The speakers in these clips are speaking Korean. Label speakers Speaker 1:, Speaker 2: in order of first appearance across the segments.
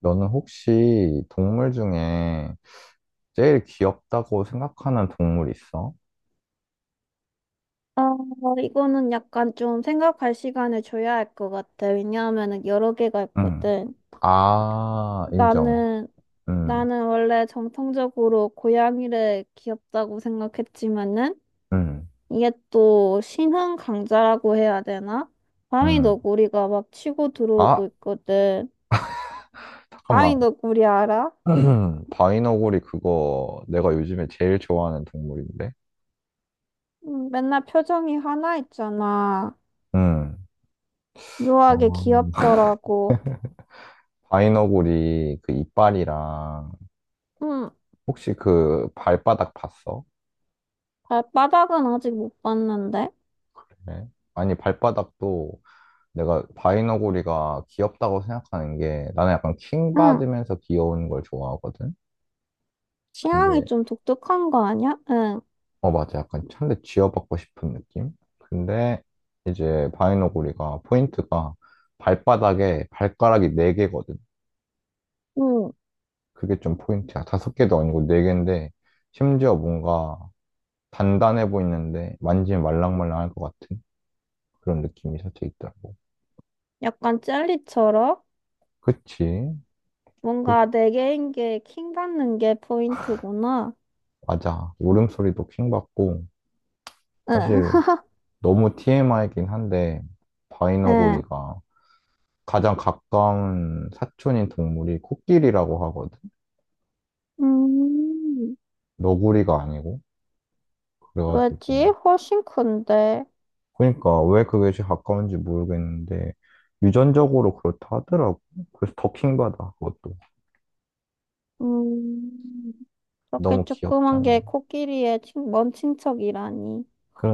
Speaker 1: 너는 혹시 동물 중에 제일 귀엽다고 생각하는 동물 있어?
Speaker 2: 어, 이거는 약간 좀 생각할 시간을 줘야 할 것 같아. 왜냐하면은 여러 개가
Speaker 1: 응.
Speaker 2: 있거든.
Speaker 1: 아, 인정.
Speaker 2: 나는,
Speaker 1: 응,
Speaker 2: 나는 원래 정통적으로 고양이를 귀엽다고 생각했지만은
Speaker 1: 응,
Speaker 2: 이게 또 신흥 강자라고 해야 되나? 바위
Speaker 1: 응.
Speaker 2: 너구리가 막 치고
Speaker 1: 아,
Speaker 2: 들어오고 있거든.
Speaker 1: 잠깐만.
Speaker 2: 바위 너구리 알아?
Speaker 1: 바이너구리, 그거 내가 요즘에 제일 좋아하는 동물인데?
Speaker 2: 맨날 표정이 하나 있잖아.
Speaker 1: 응.
Speaker 2: 묘하게
Speaker 1: 아,
Speaker 2: 귀엽더라고.
Speaker 1: 바이너구리 그 이빨이랑
Speaker 2: 응,
Speaker 1: 혹시 그 발바닥 봤어?
Speaker 2: 발바닥은 아직 못 봤는데.
Speaker 1: 네. 아니, 발바닥도 내가 바이너구리가 귀엽다고 생각하는 게, 나는 약간 킹
Speaker 2: 응.
Speaker 1: 받으면서 귀여운 걸 좋아하거든.
Speaker 2: 취향이
Speaker 1: 근데
Speaker 2: 좀 독특한 거 아니야? 응.
Speaker 1: 어, 맞아. 약간 찬데 쥐어받고 싶은 느낌. 근데 이제 바이너구리가 포인트가, 발바닥에 발가락이 네 개거든.
Speaker 2: 응.
Speaker 1: 그게 좀 포인트야. 다섯 개도 아니고 네 개인데, 심지어 뭔가 단단해 보이는데 만지면 말랑말랑할 것 같은 그런 느낌이 살짝 있더라고.
Speaker 2: 약간 젤리처럼?
Speaker 1: 그치? 그-
Speaker 2: 뭔가 내 개인 게 킹 받는 게 포인트구나.
Speaker 1: 맞아. 울음소리도 킹 받고,
Speaker 2: 응.
Speaker 1: 사실. 너무 TMI긴 한데,
Speaker 2: 응.
Speaker 1: 바이너구리가 가장 가까운 사촌인 동물이 코끼리라고 하거든.
Speaker 2: 음,
Speaker 1: 너구리가 아니고. 그래가지고,
Speaker 2: 왜지? 훨씬 큰데.
Speaker 1: 그러니까 왜 그게 제일 가까운지 모르겠는데 유전적으로 그렇다 하더라고. 그래서 더 킹받아, 그것도.
Speaker 2: 음, 저렇게
Speaker 1: 너무
Speaker 2: 조그만 게
Speaker 1: 귀엽잖아.
Speaker 2: 코끼리의 먼 친척이라니.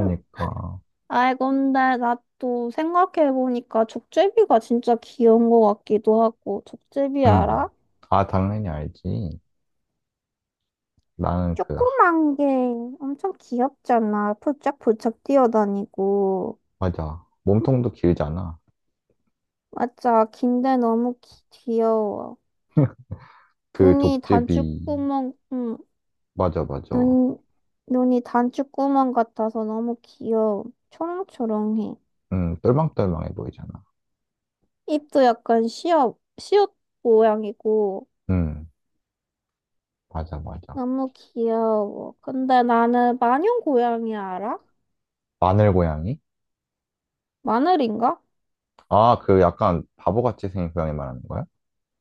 Speaker 2: 응. 아이, 근데 나 또 생각해보니까 족제비가 진짜 귀여운 것 같기도 하고. 족제비 알아?
Speaker 1: 음. 아, 당연히 알지. 나는 그,
Speaker 2: 조그만 게 엄청 귀엽잖아. 폴짝폴짝 뛰어다니고.
Speaker 1: 맞아, 몸통도 길잖아.
Speaker 2: 맞아. 긴데 너무 귀여워.
Speaker 1: 그
Speaker 2: 눈이
Speaker 1: 족제비.
Speaker 2: 단추구멍, 응.
Speaker 1: 맞아, 맞아.
Speaker 2: 눈, 눈이 단추구멍 같아서 너무 귀여워. 초롱초롱해.
Speaker 1: 음, 똘망똘망해 보이잖아.
Speaker 2: 입도 약간 시옷, 시옷 모양이고.
Speaker 1: 음. 맞아, 맞아.
Speaker 2: 너무 귀여워. 근데 나는 마녀 고양이 알아?
Speaker 1: 마늘 고양이?
Speaker 2: 마늘인가?
Speaker 1: 아, 그 약간 바보같이 생긴 고양이 말하는 거야?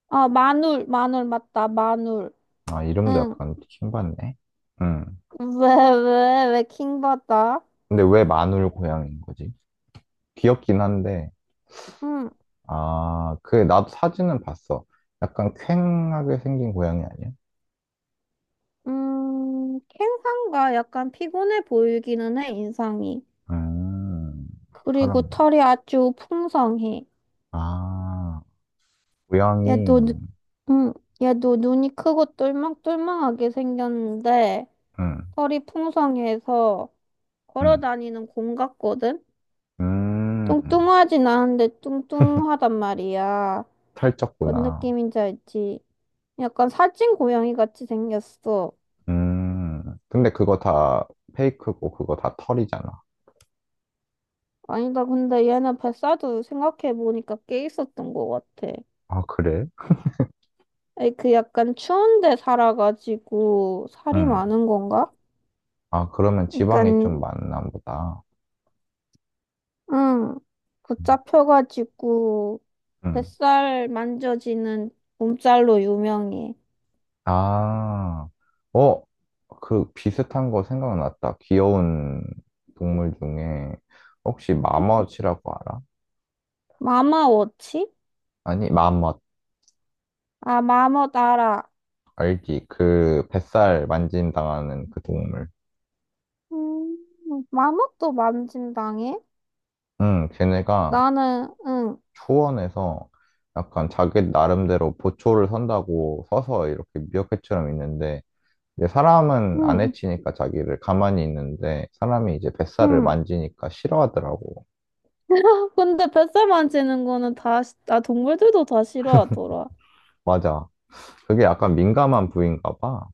Speaker 2: 아, 마눌, 마눌, 맞다, 마눌.
Speaker 1: 아, 이름도
Speaker 2: 응.
Speaker 1: 약간 킹받네. 응.
Speaker 2: 왜, 왜, 왜 킹받아?
Speaker 1: 근데 왜 마늘 고양이인 거지? 귀엽긴 한데,
Speaker 2: 음,
Speaker 1: 아, 그, 나도 사진은 봤어. 약간 퀭하게 생긴 고양이 아니야?
Speaker 2: 캥상과 약간 피곤해 보이기는 해, 인상이.
Speaker 1: 음,
Speaker 2: 그리고
Speaker 1: 그런 거.
Speaker 2: 털이 아주 풍성해.
Speaker 1: 아, 고양이.
Speaker 2: 얘도, 눈- 음, 얘도 눈이 크고 똘망똘망하게 생겼는데,
Speaker 1: 응,
Speaker 2: 털이 풍성해서 걸어
Speaker 1: 응.
Speaker 2: 다니는 공 같거든?
Speaker 1: 음,
Speaker 2: 뚱뚱하진 않은데 뚱뚱하단 말이야. 뭔
Speaker 1: 살쪘구나.
Speaker 2: 느낌인지 알지? 약간 살찐 고양이 같이 생겼어.
Speaker 1: 근데 그거 다 페이크고, 그거 다 털이잖아.
Speaker 2: 아니다, 근데 얘는 뱃살도 생각해보니까 꽤 있었던 것 같아.
Speaker 1: 아, 그래?
Speaker 2: 아니, 그 약간 추운데 살아가지고 살이
Speaker 1: 응.
Speaker 2: 많은 건가?
Speaker 1: 아, 그러면
Speaker 2: 그간니
Speaker 1: 지방이
Speaker 2: 까
Speaker 1: 좀 많나 보다.
Speaker 2: 응
Speaker 1: 음.
Speaker 2: 붙잡혀가지고
Speaker 1: 음.
Speaker 2: 뱃살 만져지는 몸살로 유명해.
Speaker 1: 아, 어, 그 비슷한 거 생각났다. 귀여운 동물 중에 혹시 마멋이라고 알아?
Speaker 2: 마마워치?
Speaker 1: 아니, 마멋.
Speaker 2: 아, 마멋 알아.
Speaker 1: 알지? 그 뱃살 만진당하는 그 동물.
Speaker 2: 음 마멋도 만진당해?
Speaker 1: 응, 걔네가
Speaker 2: 나는 응
Speaker 1: 초원에서 약간 자기 나름대로 보초를 선다고 서서 이렇게 미어캣처럼 있는데, 이제 사람은 안
Speaker 2: 응,
Speaker 1: 해치니까 자기를 가만히 있는데 사람이 이제 뱃살을
Speaker 2: 응.
Speaker 1: 만지니까 싫어하더라고.
Speaker 2: 근데 뱃살 만지는 거는 다, 아, 동물들도 다 싫어하더라.
Speaker 1: 맞아. 그게 약간 민감한 부위인가 봐.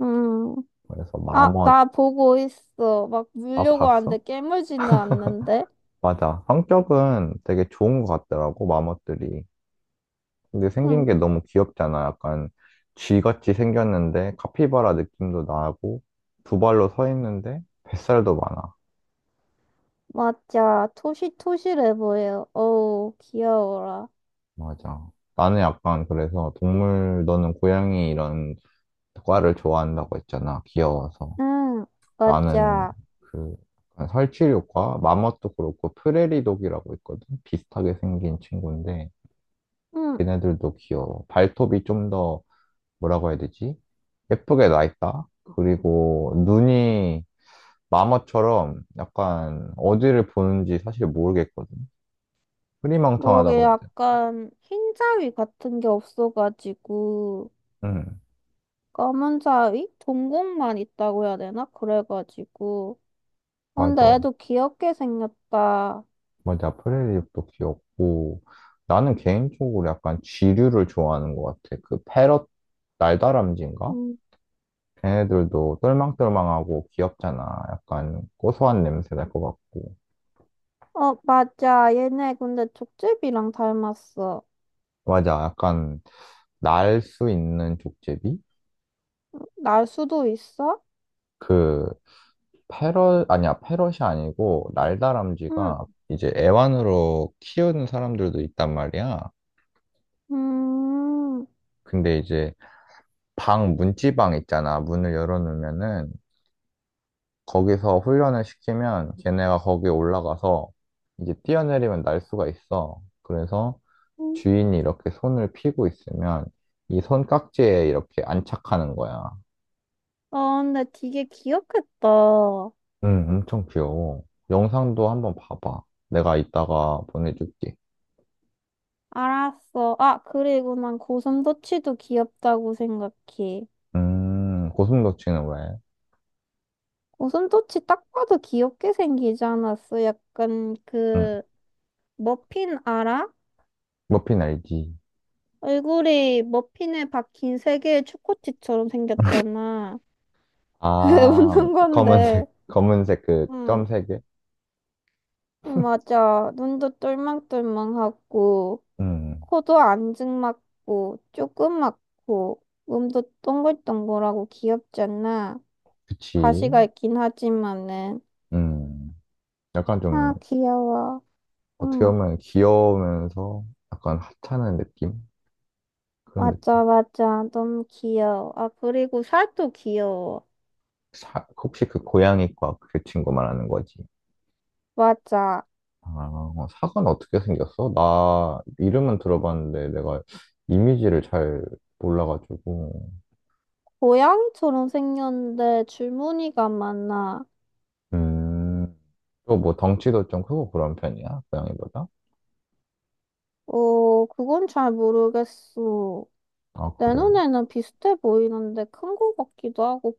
Speaker 2: 음,
Speaker 1: 그래서
Speaker 2: 아,
Speaker 1: 마멋,
Speaker 2: 나 보고 있어. 막
Speaker 1: 아,
Speaker 2: 물려고 하는데
Speaker 1: 봤어?
Speaker 2: 깨물지는 않는데?
Speaker 1: 맞아. 성격은 되게 좋은 것 같더라고, 마멋들이. 근데 생긴
Speaker 2: 응,
Speaker 1: 게 너무 귀엽잖아. 약간 쥐같이 생겼는데 카피바라 느낌도 나고, 두 발로 서 있는데 뱃살도 많아.
Speaker 2: 맞아. 토실토실해 보여. 어우, 귀여워라.
Speaker 1: 맞아. 나는 약간 그래서 동물, 너는 고양이 이런 과를 좋아한다고 했잖아. 귀여워서.
Speaker 2: 응,
Speaker 1: 나는
Speaker 2: 맞아.
Speaker 1: 그, 약간 설치류과 마멋도 그렇고 프레리독이라고 있거든. 비슷하게 생긴 친구인데
Speaker 2: 응,
Speaker 1: 걔네들도 귀여워. 발톱이 좀 더, 뭐라고 해야 되지? 예쁘게 나 있다. 그리고 눈이 마멋처럼 약간 어디를 보는지 사실 모르겠거든. 흐리망탕하다
Speaker 2: 그러게
Speaker 1: 고 해야 되나?
Speaker 2: 약간 흰 자위 같은 게 없어가지고,
Speaker 1: 응,
Speaker 2: 검은 자위? 동공만 있다고 해야 되나? 그래가지고. 근데
Speaker 1: 맞아.
Speaker 2: 애도 귀엽게 생겼다.
Speaker 1: 프레리독도 귀엽고, 나는 개인적으로 약간 쥐류를 좋아하는 것 같아. 그 패럿, 날다람쥐인가?
Speaker 2: 응.
Speaker 1: 애들도 똘망똘망하고 귀엽잖아. 약간 고소한 냄새 날 것 같고.
Speaker 2: 어, 맞아. 얘네 근데 족제비랑 닮았어.
Speaker 1: 맞아. 약간 날 수 있는 족제비?
Speaker 2: 날 수도 있어?
Speaker 1: 그 패럿 아니야. 패럿이 아니고
Speaker 2: 응.
Speaker 1: 날다람쥐가 이제 애완으로 키우는 사람들도 있단 말이야.
Speaker 2: 음,
Speaker 1: 근데 이제 방 문지방 있잖아. 문을 열어놓으면은 거기서 훈련을 시키면 걔네가 거기에 올라가서 이제 뛰어내리면 날 수가 있어. 그래서 주인이 이렇게 손을 피고 있으면 이 손깍지에 이렇게 안착하는 거야.
Speaker 2: 아, 근데 되게 귀엽겠다.
Speaker 1: 응, 엄청 귀여워. 영상도 한번 봐봐. 내가 이따가 보내줄게.
Speaker 2: 알았어. 아, 그리고 난 고슴도치도 귀엽다고 생각해.
Speaker 1: 고슴도치는 왜?
Speaker 2: 고슴도치 딱 봐도 귀엽게 생기지 않았어? 약간
Speaker 1: 응,
Speaker 2: 그, 머핀 알아?
Speaker 1: 머핀 알지?
Speaker 2: 얼굴이 머핀에 박힌 세 개의 초코칩처럼 생겼잖아. 왜
Speaker 1: 아,
Speaker 2: 웃는
Speaker 1: 검은색,
Speaker 2: 건데.
Speaker 1: 검은색 그
Speaker 2: 응,
Speaker 1: 점색에?
Speaker 2: 응, 맞아. 눈도 똘망똘망하고.
Speaker 1: 음,
Speaker 2: 코도 안증 맞고 조그맣고 몸도 동글동글하고 귀엽잖아.
Speaker 1: 그치.
Speaker 2: 가시가 있긴 하지만은
Speaker 1: 음, 약간 좀
Speaker 2: 아 귀여워.
Speaker 1: 어떻게
Speaker 2: 응
Speaker 1: 보면 귀여우면서 약간 하찮은 느낌? 그런 느낌.
Speaker 2: 맞아 맞아 너무 귀여워. 아 그리고 살도 귀여워.
Speaker 1: 혹시 그 고양이과 그 친구 말하는 거지?
Speaker 2: 맞아.
Speaker 1: 아, 어, 사과는 어떻게 생겼어? 나 이름은 들어봤는데 내가 이미지를 잘 몰라가지고.
Speaker 2: 고양이처럼 생겼는데 줄무늬가 많아.
Speaker 1: 음, 또 뭐 덩치도 좀 크고 그런 편이야? 고양이보다?
Speaker 2: 어 그건 잘 모르겠어.
Speaker 1: 아,
Speaker 2: 내
Speaker 1: 그래.
Speaker 2: 눈에는 비슷해 보이는데 큰 거 같기도 하고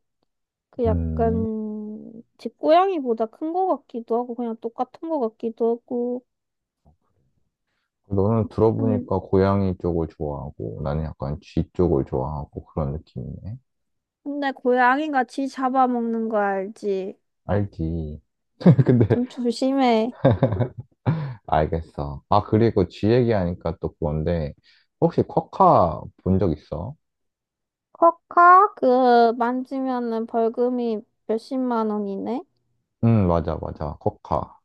Speaker 2: 그
Speaker 1: 음,
Speaker 2: 약간 집 고양이보다 큰 거 같기도 하고 그냥 똑같은 거 같기도 하고
Speaker 1: 그래. 너는
Speaker 2: 음,
Speaker 1: 들어보니까 고양이 쪽을 좋아하고 나는 약간 쥐 쪽을 좋아하고 그런 느낌이네.
Speaker 2: 근데 고양이가 지 잡아먹는 거 알지?
Speaker 1: 알지. 근데
Speaker 2: 좀 조심해.
Speaker 1: 알겠어. 아, 그리고 쥐 얘기하니까 또 그건데 혹시 쿼카 본 적 있어?
Speaker 2: 커카 그 만지면은 벌금이 몇십만 원이네.
Speaker 1: 응, 맞아, 맞아. 코카.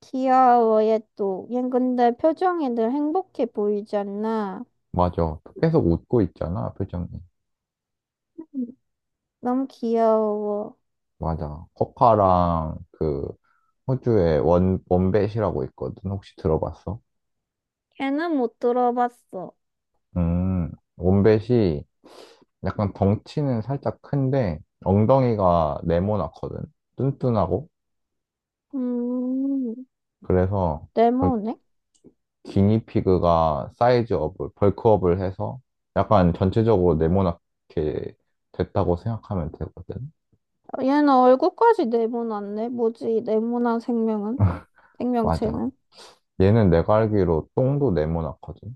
Speaker 2: 귀여워 얘또 얘 근데 표정이 늘 행복해 보이지 않나?
Speaker 1: 맞아. 계속 웃고 있잖아, 표정이.
Speaker 2: 음, 너무 귀여워.
Speaker 1: 맞아. 코카랑 그 호주의 원뱃이라고 있거든. 혹시 들어봤어?
Speaker 2: 걔는 못 들어봤어.
Speaker 1: 음, 원뱃이 약간 덩치는 살짝 큰데 엉덩이가 네모나거든. 뚠뚠하고.
Speaker 2: 음
Speaker 1: 그래서
Speaker 2: 레모네?
Speaker 1: 기니피그가 사이즈업을, 벌크업을 해서 약간 전체적으로 네모나게 됐다고 생각하면 되거든.
Speaker 2: 얘는 얼굴까지 네모났네. 뭐지, 네모난 생명은?
Speaker 1: 맞아.
Speaker 2: 생명체는?
Speaker 1: 얘는 내가 알기로 똥도 네모나거든.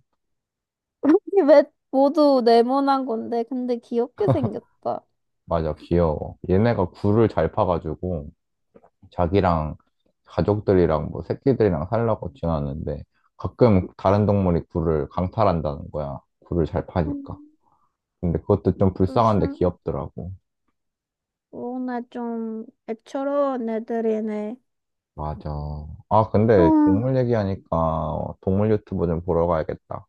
Speaker 2: 왜 모두 네모난 건데, 근데 귀엽게 생겼다.
Speaker 1: 맞아, 귀여워. 얘네가 굴을 잘 파가지고 자기랑 가족들이랑 뭐 새끼들이랑 살라고 지나는데 가끔 다른 동물이 굴을 강탈한다는 거야. 굴을 잘
Speaker 2: 음,
Speaker 1: 파니까. 근데 그것도 좀 불쌍한데
Speaker 2: 무슨,
Speaker 1: 귀엽더라고.
Speaker 2: 오늘 좀 애처로운 애들이네.
Speaker 1: 맞아. 아,
Speaker 2: 아,
Speaker 1: 근데 동물 얘기하니까 동물 유튜브 좀 보러 가야겠다.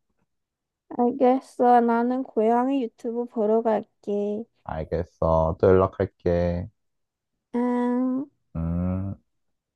Speaker 2: 알겠어. 나는 고양이 유튜브 보러 갈게.
Speaker 1: 알겠어. 또 연락할게.
Speaker 2: 음.
Speaker 1: 음.